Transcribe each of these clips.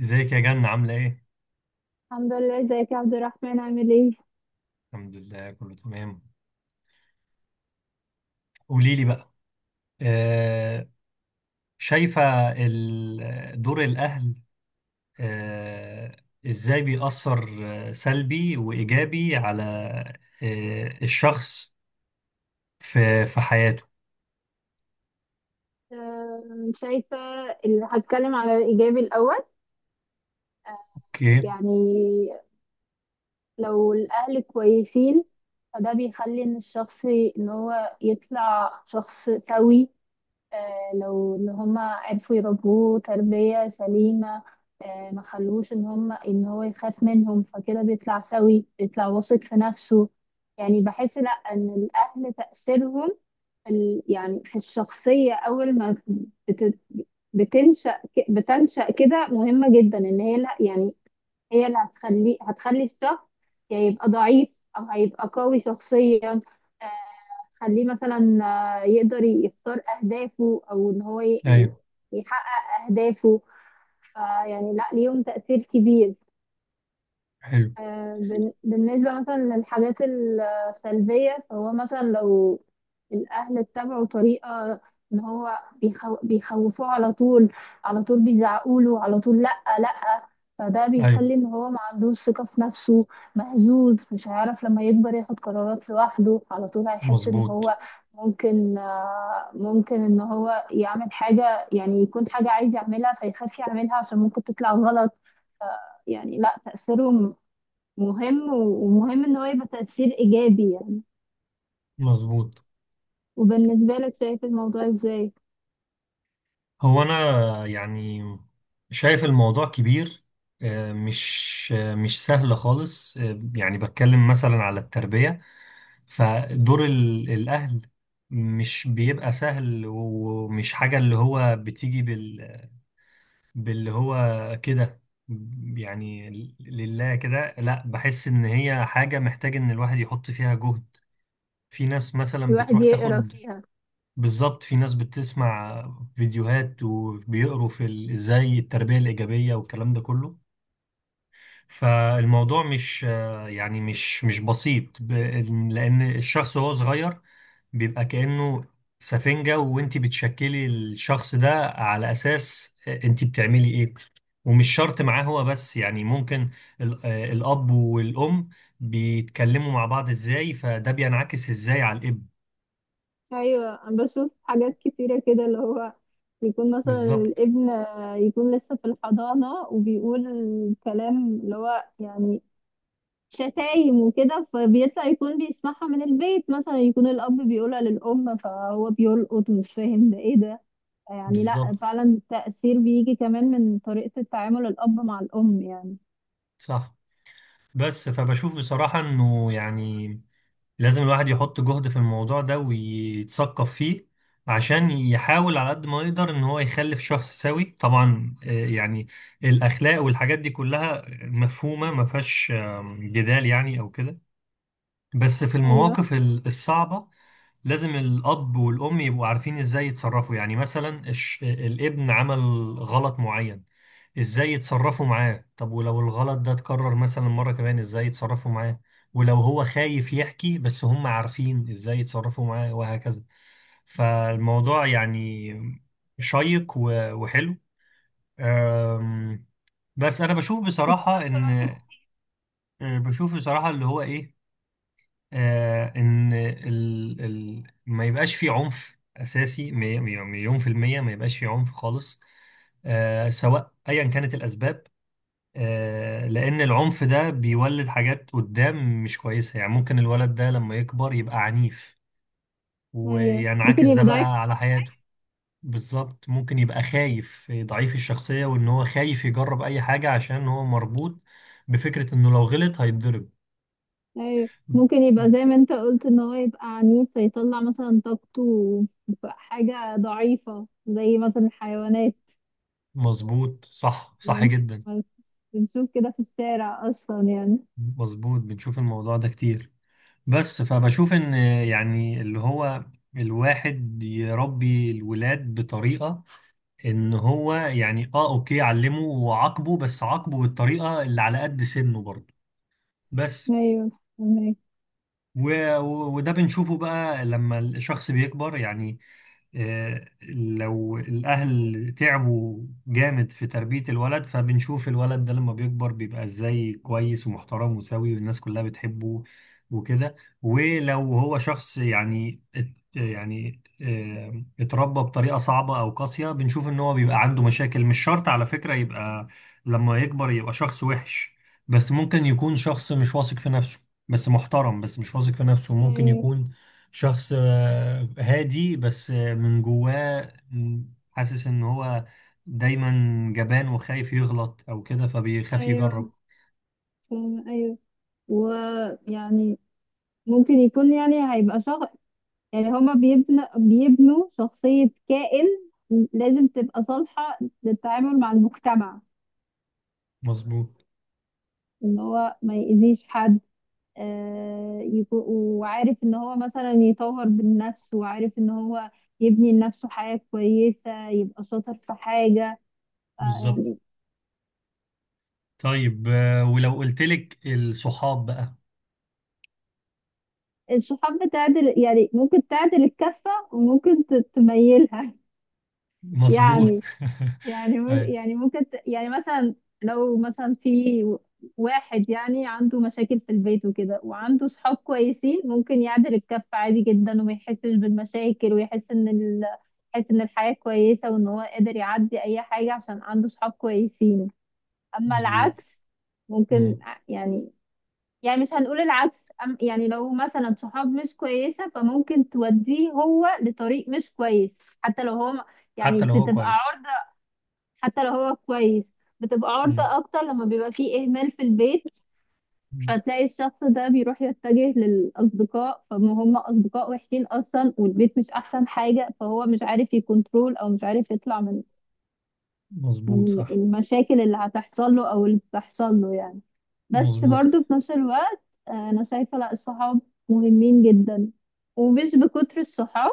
ازيك يا جنة، عاملة ايه؟ الحمد لله. ازيك يا عبد الرحمن، عامل ايه؟ الحمد لله، كله تمام. قولي لي بقى. آه. شايفة. دور الأهل. آه. ازاي بيأثر، سلبي وإيجابي على، الشخص في حياته. شايفة، هتكلم على الإيجابي الأول. اوكي. يعني لو الأهل كويسين، فده بيخلي إن هو يطلع شخص سوي. لو إن هما عرفوا يربوه تربية سليمة. ما خلوش إن هو يخاف منهم، فكده بيطلع سوي، بيطلع واثق في نفسه. يعني بحس لأ، إن الأهل تأثيرهم يعني في الشخصية أول ما بت- بتنشأ، بتنشأ كده مهمة جدا، إن هي لا يعني هي اللي هتخلي الشخص يا يبقى ضعيف أو هيبقى قوي شخصيا. آه، هتخليه مثلا يقدر يختار أهدافه أو إن هو ايوه. يحقق أهدافه. فيعني لا، ليهم تأثير كبير. حلو. بالنسبة مثلا للحاجات السلبية، فهو مثلا لو الأهل اتبعوا طريقة إن هو بيخوفوه على طول، على طول بيزعقوله على طول، لأ، لأ، فده ايوه. بيخلي إن هو ما عندوش ثقة في نفسه. مهزوز، مش هيعرف لما يكبر ياخد قرارات لوحده، على طول هيحس إن مظبوط. هو ممكن إن هو يعمل حاجة، يعني يكون حاجة عايز يعملها فيخاف يعملها عشان ممكن تطلع غلط. يعني لا، تأثيره مهم ومهم ان هو يبقى تأثير ايجابي يعني. مظبوط. وبالنسبة لك، شايف الموضوع ازاي؟ هو أنا يعني شايف الموضوع كبير. مش سهل خالص. يعني بتكلم مثلا على التربية، فدور الأهل مش بيبقى سهل، ومش حاجة اللي هو بتيجي باللي هو كده يعني. لله كده لا، بحس إن هي حاجة محتاج إن الواحد يحط فيها جهد. في ناس مثلا الواحد بتروح يقرا تاخد. فيها. بالظبط، في ناس بتسمع فيديوهات وبيقروا في ازاي التربية الإيجابية والكلام ده كله. فالموضوع مش يعني مش بسيط لأن الشخص وهو صغير بيبقى كأنه سفنجة، وانت بتشكلي الشخص ده على أساس انت بتعملي ايه. ومش شرط معاه هو بس، يعني ممكن الأب والأم بيتكلموا مع بعض ازاي، فده بينعكس ازاي على الابن. ايوه، انا بشوف حاجات كتيره كده، اللي هو يكون مثلا بالظبط. الابن يكون لسه في الحضانه وبيقول كلام اللي هو يعني شتايم وكده، فبيطلع يكون بيسمعها من البيت، مثلا يكون الاب بيقولها للام فهو بيلقط ومش فاهم ده ايه ده. يعني لا، بالظبط. فعلا التأثير بيجي كمان من طريقه التعامل الاب مع الام يعني. صح. بس فبشوف بصراحة، انه يعني لازم الواحد يحط جهد في الموضوع ده ويتثقف فيه، عشان يحاول على قد ما يقدر ان هو يخلف شخص سوي. طبعا يعني الاخلاق والحاجات دي كلها مفهومة، ما فيهاش جدال، يعني او كده. بس في ايوه، المواقف الصعبة لازم الأب والأم يبقوا عارفين إزاي يتصرفوا. يعني مثلا الابن عمل غلط معين، إزاي يتصرفوا معاه؟ طب ولو الغلط ده اتكرر مثلا مرة كمان، إزاي يتصرفوا معاه؟ ولو هو خايف يحكي، بس هم عارفين إزاي يتصرفوا معاه، وهكذا. فالموضوع يعني شيق و- وحلو. أم، بس أنا بشوف بس في بصراحة نفس إن الوقت. بشوف بصراحة اللي هو إيه، ان ال ما يبقاش في عنف اساسي، مليون في المية، ما يبقاش في عنف خالص سواء ايا كانت الاسباب، لان العنف ده بيولد حاجات قدام مش كويسة، يعني ممكن الولد ده لما يكبر يبقى عنيف، ايوه، ممكن وينعكس ده يبقى بقى ضعيف على الشخصية. حياته. بالظبط، ممكن يبقى خايف، ضعيف الشخصية، وان هو خايف يجرب اي حاجة عشان هو مربوط بفكرة انه لو غلط هيتضرب. ايوه، ممكن يبقى زي ما انت قلت ان هو يبقى عنيف، فيطلع مثلا طاقته في حاجة ضعيفة زي مثلا الحيوانات. مظبوط. صح، صح بنش- جدا. بنشوف كده في الشارع اصلا يعني. مظبوط. بنشوف الموضوع ده كتير. بس فبشوف ان، يعني اللي هو الواحد يربي الولاد بطريقة، ان هو يعني اوكي، علمه وعاقبه، بس عاقبه بالطريقة اللي على قد سنه برضه. بس ايوه، فهمك. و... وده بنشوفه بقى لما الشخص بيكبر، يعني لو الأهل تعبوا جامد في تربية الولد، فبنشوف الولد ده لما بيكبر بيبقى إزاي، كويس ومحترم وسوي والناس كلها بتحبه وكده. ولو هو شخص يعني يعني اتربى بطريقة صعبة أو قاسية، بنشوف إن هو بيبقى عنده مشاكل. مش شرط على فكرة يبقى لما يكبر يبقى شخص وحش، بس ممكن يكون شخص مش واثق في نفسه، بس محترم، بس مش واثق في نفسه. ممكن ايوه، يكون شخص هادي، بس من جواه حاسس ان هو دايما جبان وخايف يغلط او كده، فبيخاف ايوه، يجرب. فاهمة. ايوه. ويعني ممكن يكون يعني هيبقى شخص، يعني هما بيبنوا شخصية كائن لازم تبقى صالحة للتعامل مع المجتمع، مظبوط. ان هو ما يأذيش حد. وعارف ان هو مثلا يطور من نفسه، وعارف ان هو يبني لنفسه حياة كويسة، يبقى شاطر في حاجة. آه، بالظبط. يعني طيب ولو قلت لك الصحاب بقى؟ الصحاب بتعدل، يعني ممكن تعدل الكفة، وممكن تميلها. مظبوط. يعني. يعني ايوه. يعني ممكن يعني مثلا، لو مثلا في واحد يعني عنده مشاكل في البيت وكده، وعنده صحاب كويسين، ممكن يعدل الكف عادي جدا وما يحسش بالمشاكل، ويحس يحس ان الحياة كويسة وان هو قادر يعدي اي حاجة عشان عنده صحاب كويسين. اما مظبوط. العكس ممكن مم. يعني، يعني مش هنقول العكس، يعني لو مثلا صحاب مش كويسة، فممكن توديه هو لطريق مش كويس، حتى لو هو يعني حتى لو هو بتبقى كويس. عرضة. حتى لو هو كويس، بتبقى مم. عرضة أكتر لما بيبقى فيه إهمال في البيت. مم. فتلاقي الشخص ده بيروح يتجه للأصدقاء، فما هم أصدقاء وحشين أصلا، والبيت مش أحسن حاجة، فهو مش عارف يكنترول أو مش عارف يطلع من مظبوط. من صح. المشاكل اللي هتحصل له او اللي بتحصل له يعني. بس مظبوط. برضو في نفس الوقت، انا شايفه لا، الصحاب مهمين جدا، ومش بكتر الصحاب.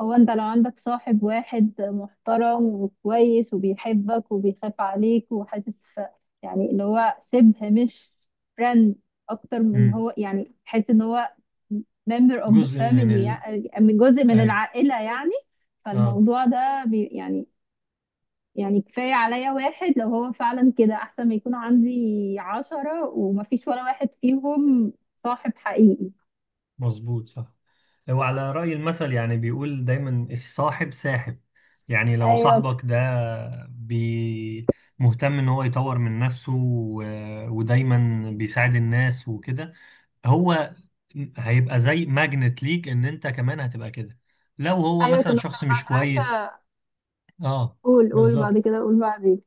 هو انت لو عندك صاحب واحد محترم وكويس وبيحبك وبيخاف عليك وحاسس، يعني اللي هو شبه، مش فريند اكتر من مم. هو، يعني تحس ان هو member of the جزء من family، ال. يعني من جزء من ايوه. العائله يعني. اه. فالموضوع ده يعني، يعني كفاية عليا واحد لو هو فعلا كده، أحسن ما يكون عندي 10 ومفيش ولا واحد فيهم صاحب حقيقي. مظبوط. صح. هو على رأي المثل، يعني بيقول دايما: الصاحب ساحب. يعني لو أيوة، صاحبك ده بي مهتم ان هو يطور من نفسه، و- ودايما بيساعد الناس وكده، هو هيبقى زي ماجنت ليك، ان انت كمان هتبقى كده. لو هو أيوة. مثلا كنا في شخص مش كويس. المدرسة. اه. قول، قول بعد بالظبط. كده، قول بعدين.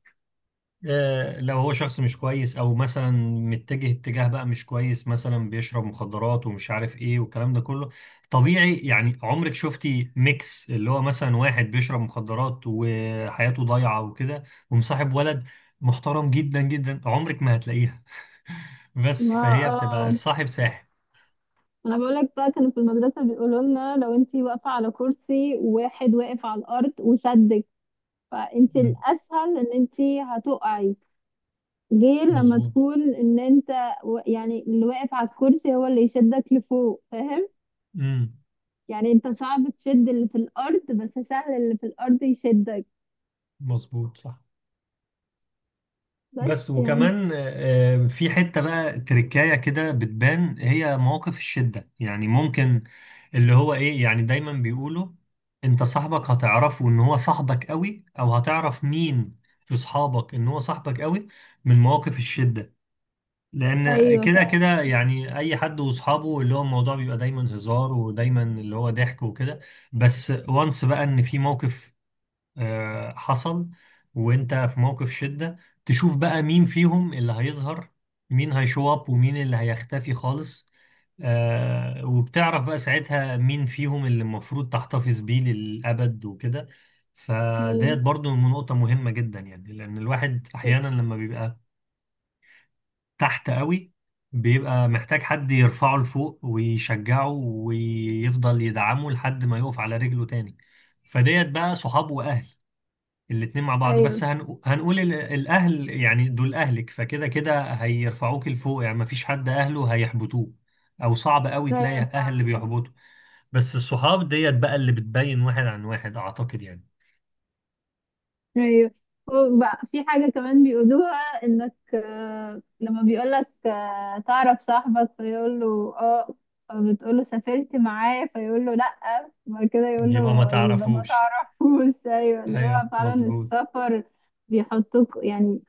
لو هو شخص مش كويس، او مثلا متجه اتجاه بقى مش كويس، مثلا بيشرب مخدرات ومش عارف ايه والكلام ده كله، طبيعي. يعني عمرك شفتي ميكس اللي هو مثلا واحد بيشرب مخدرات وحياته ضايعة وكده ومصاحب ولد محترم جدا جدا؟ عمرك ما هتلاقيها. بس ما فهي بتبقى اه. الصاحب ساحب. أنا بقولك بقى، كانوا في المدرسة بيقولوا لنا لو انتي واقفة على كرسي وواحد واقف على الأرض وشدك، فانتي مم. الأسهل إن انتي هتقعي، غير لما مظبوط. تكون إن انت يعني اللي واقف على الكرسي هو اللي يشدك لفوق، فاهم؟ امم. يعني انت صعب تشد اللي في الارض، بس سهل اللي في الارض يشدك. مظبوط. صح. بس بس يعني. وكمان في حتة بقى تركاية كده بتبان، هي مواقف الشدة. يعني ممكن اللي هو ايه، يعني دايما بيقولوا: انت صاحبك هتعرفه ان هو صاحبك قوي، او هتعرف مين في صحابك ان هو صاحبك قوي، من مواقف الشدة. لان ايوه. كده كده يعني اي حد واصحابه اللي هو الموضوع بيبقى دايما هزار ودايما اللي هو ضحك وكده، بس وانس بقى ان في موقف حصل وانت في موقف شدة، تشوف بقى مين فيهم اللي هيظهر، مين هيشو اب ومين اللي هيختفي خالص. وبتعرف بقى ساعتها مين فيهم اللي المفروض تحتفظ بيه للأبد وكده. ايوه، فديت برضو نقطة مهمة جدا، يعني لأن الواحد أحيانا لما بيبقى تحت قوي، بيبقى محتاج حد يرفعه لفوق ويشجعه ويفضل يدعمه لحد ما يقف على رجله تاني. فديت بقى صحاب وأهل، الاتنين مع بعض. بس ايوه، هنقول الأهل يعني دول أهلك، فكده كده هيرفعوك لفوق، يعني مفيش حد أهله هيحبطوه، أو صعب قوي تلاقي ايوه. أهل اللي بيحبطوا. بس الصحاب ديت بقى اللي بتبين واحد عن واحد، أعتقد يعني. ايوه. وبقى في حاجة كمان بيقولوها انك، لما بيقولك تعرف صاحبك فيقول له اه، فبتقول له سافرت معاه، فيقول له لا، وبعد كده يقول يبقى ما له يبقى ما تعرفوش. تعرفوش. ايوه، اللي هو أيوه. فعلا مظبوط. السفر يعني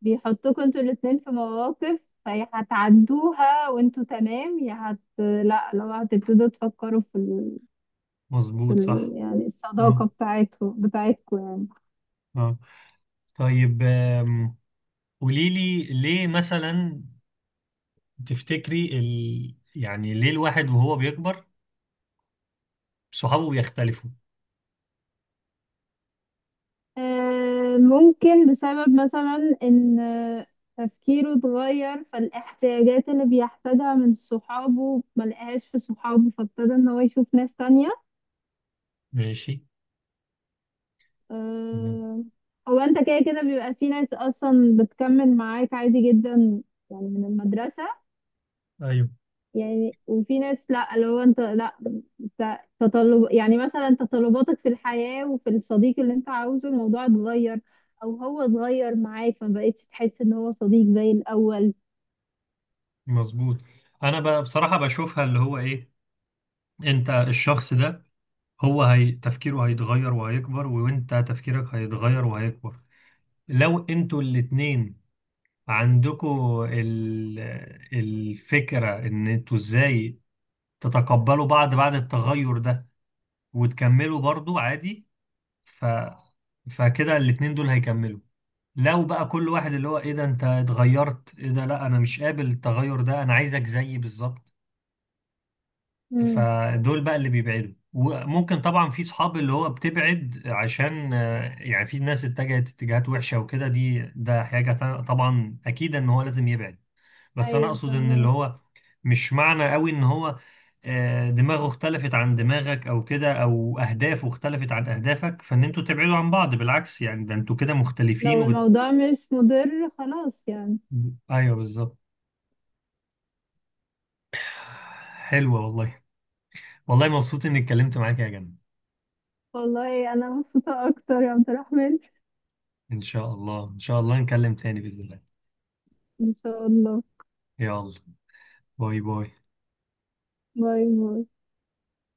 بيحطوكوا انتوا الاتنين في مواقف، فيا هتعدوها وانتوا تمام، يا هت لا لو هتبتدوا تفكروا مظبوط. صح. يعني الصداقة اه. بتاعتكم بتاعتكم يعني. اه. طيب قولي لي ليه مثلا، تفتكري يعني ليه الواحد وهو بيكبر صحابه بيختلفوا؟ ممكن بسبب مثلا ان تفكيره اتغير، فالاحتياجات اللي بيحتاجها من صحابه ملقاهاش في صحابه، فابتدى ان هو يشوف ناس تانية. ماشي. تمام. آه، هو انت كده كده بيبقى في ناس اصلا بتكمل معاك عادي جدا، يعني من المدرسة ايوه. يعني. وفي ناس لا، اللي هو انت لا، انت تطلب يعني مثلا تطلباتك في الحياة وفي الصديق اللي انت عاوزه الموضوع اتغير، او هو اتغير معاك، فما بقتش تحس ان هو صديق زي الاول. مظبوط. انا بصراحة بشوفها اللي هو ايه، انت الشخص ده هو هي تفكيره هيتغير وهيكبر، وانت تفكيرك هيتغير وهيكبر. لو انتوا الاتنين عندكوا الفكرة ان انتوا ازاي تتقبلوا بعض بعد التغير ده وتكملوا برضو عادي، ف... فكده الاتنين دول هيكملوا. لو بقى كل واحد اللي هو ايه، ده انت اتغيرت؟ ايه ده، لا انا مش قابل التغير ده، انا عايزك زيي بالظبط، امم. فدول بقى اللي بيبعدوا. وممكن طبعا في صحاب اللي هو بتبعد عشان يعني في ناس اتجهت اتجاهات وحشة وكده، ده حاجة طبعا أكيد إن هو لازم يبعد. بس أنا ايوه، أقصد إن اللي فاهمك. هو مش معنى قوي إن هو دماغه اختلفت عن دماغك أو كده، أو أهدافه اختلفت عن أهدافك، فإن أنتوا تبعدوا عن بعض. بالعكس يعني، ده أنتوا كده مختلفين لو الموضوع مش مضر خلاص يعني. أيوه، بالظبط. حلوة والله. والله مبسوط إني اتكلمت معاك يا جنة. والله انا مبسوطة اكتر يا عبد الرحمن. إن شاء الله، إن شاء الله نكلم تاني بإذن الله. ان شاء الله. يلا، باي باي. باي باي.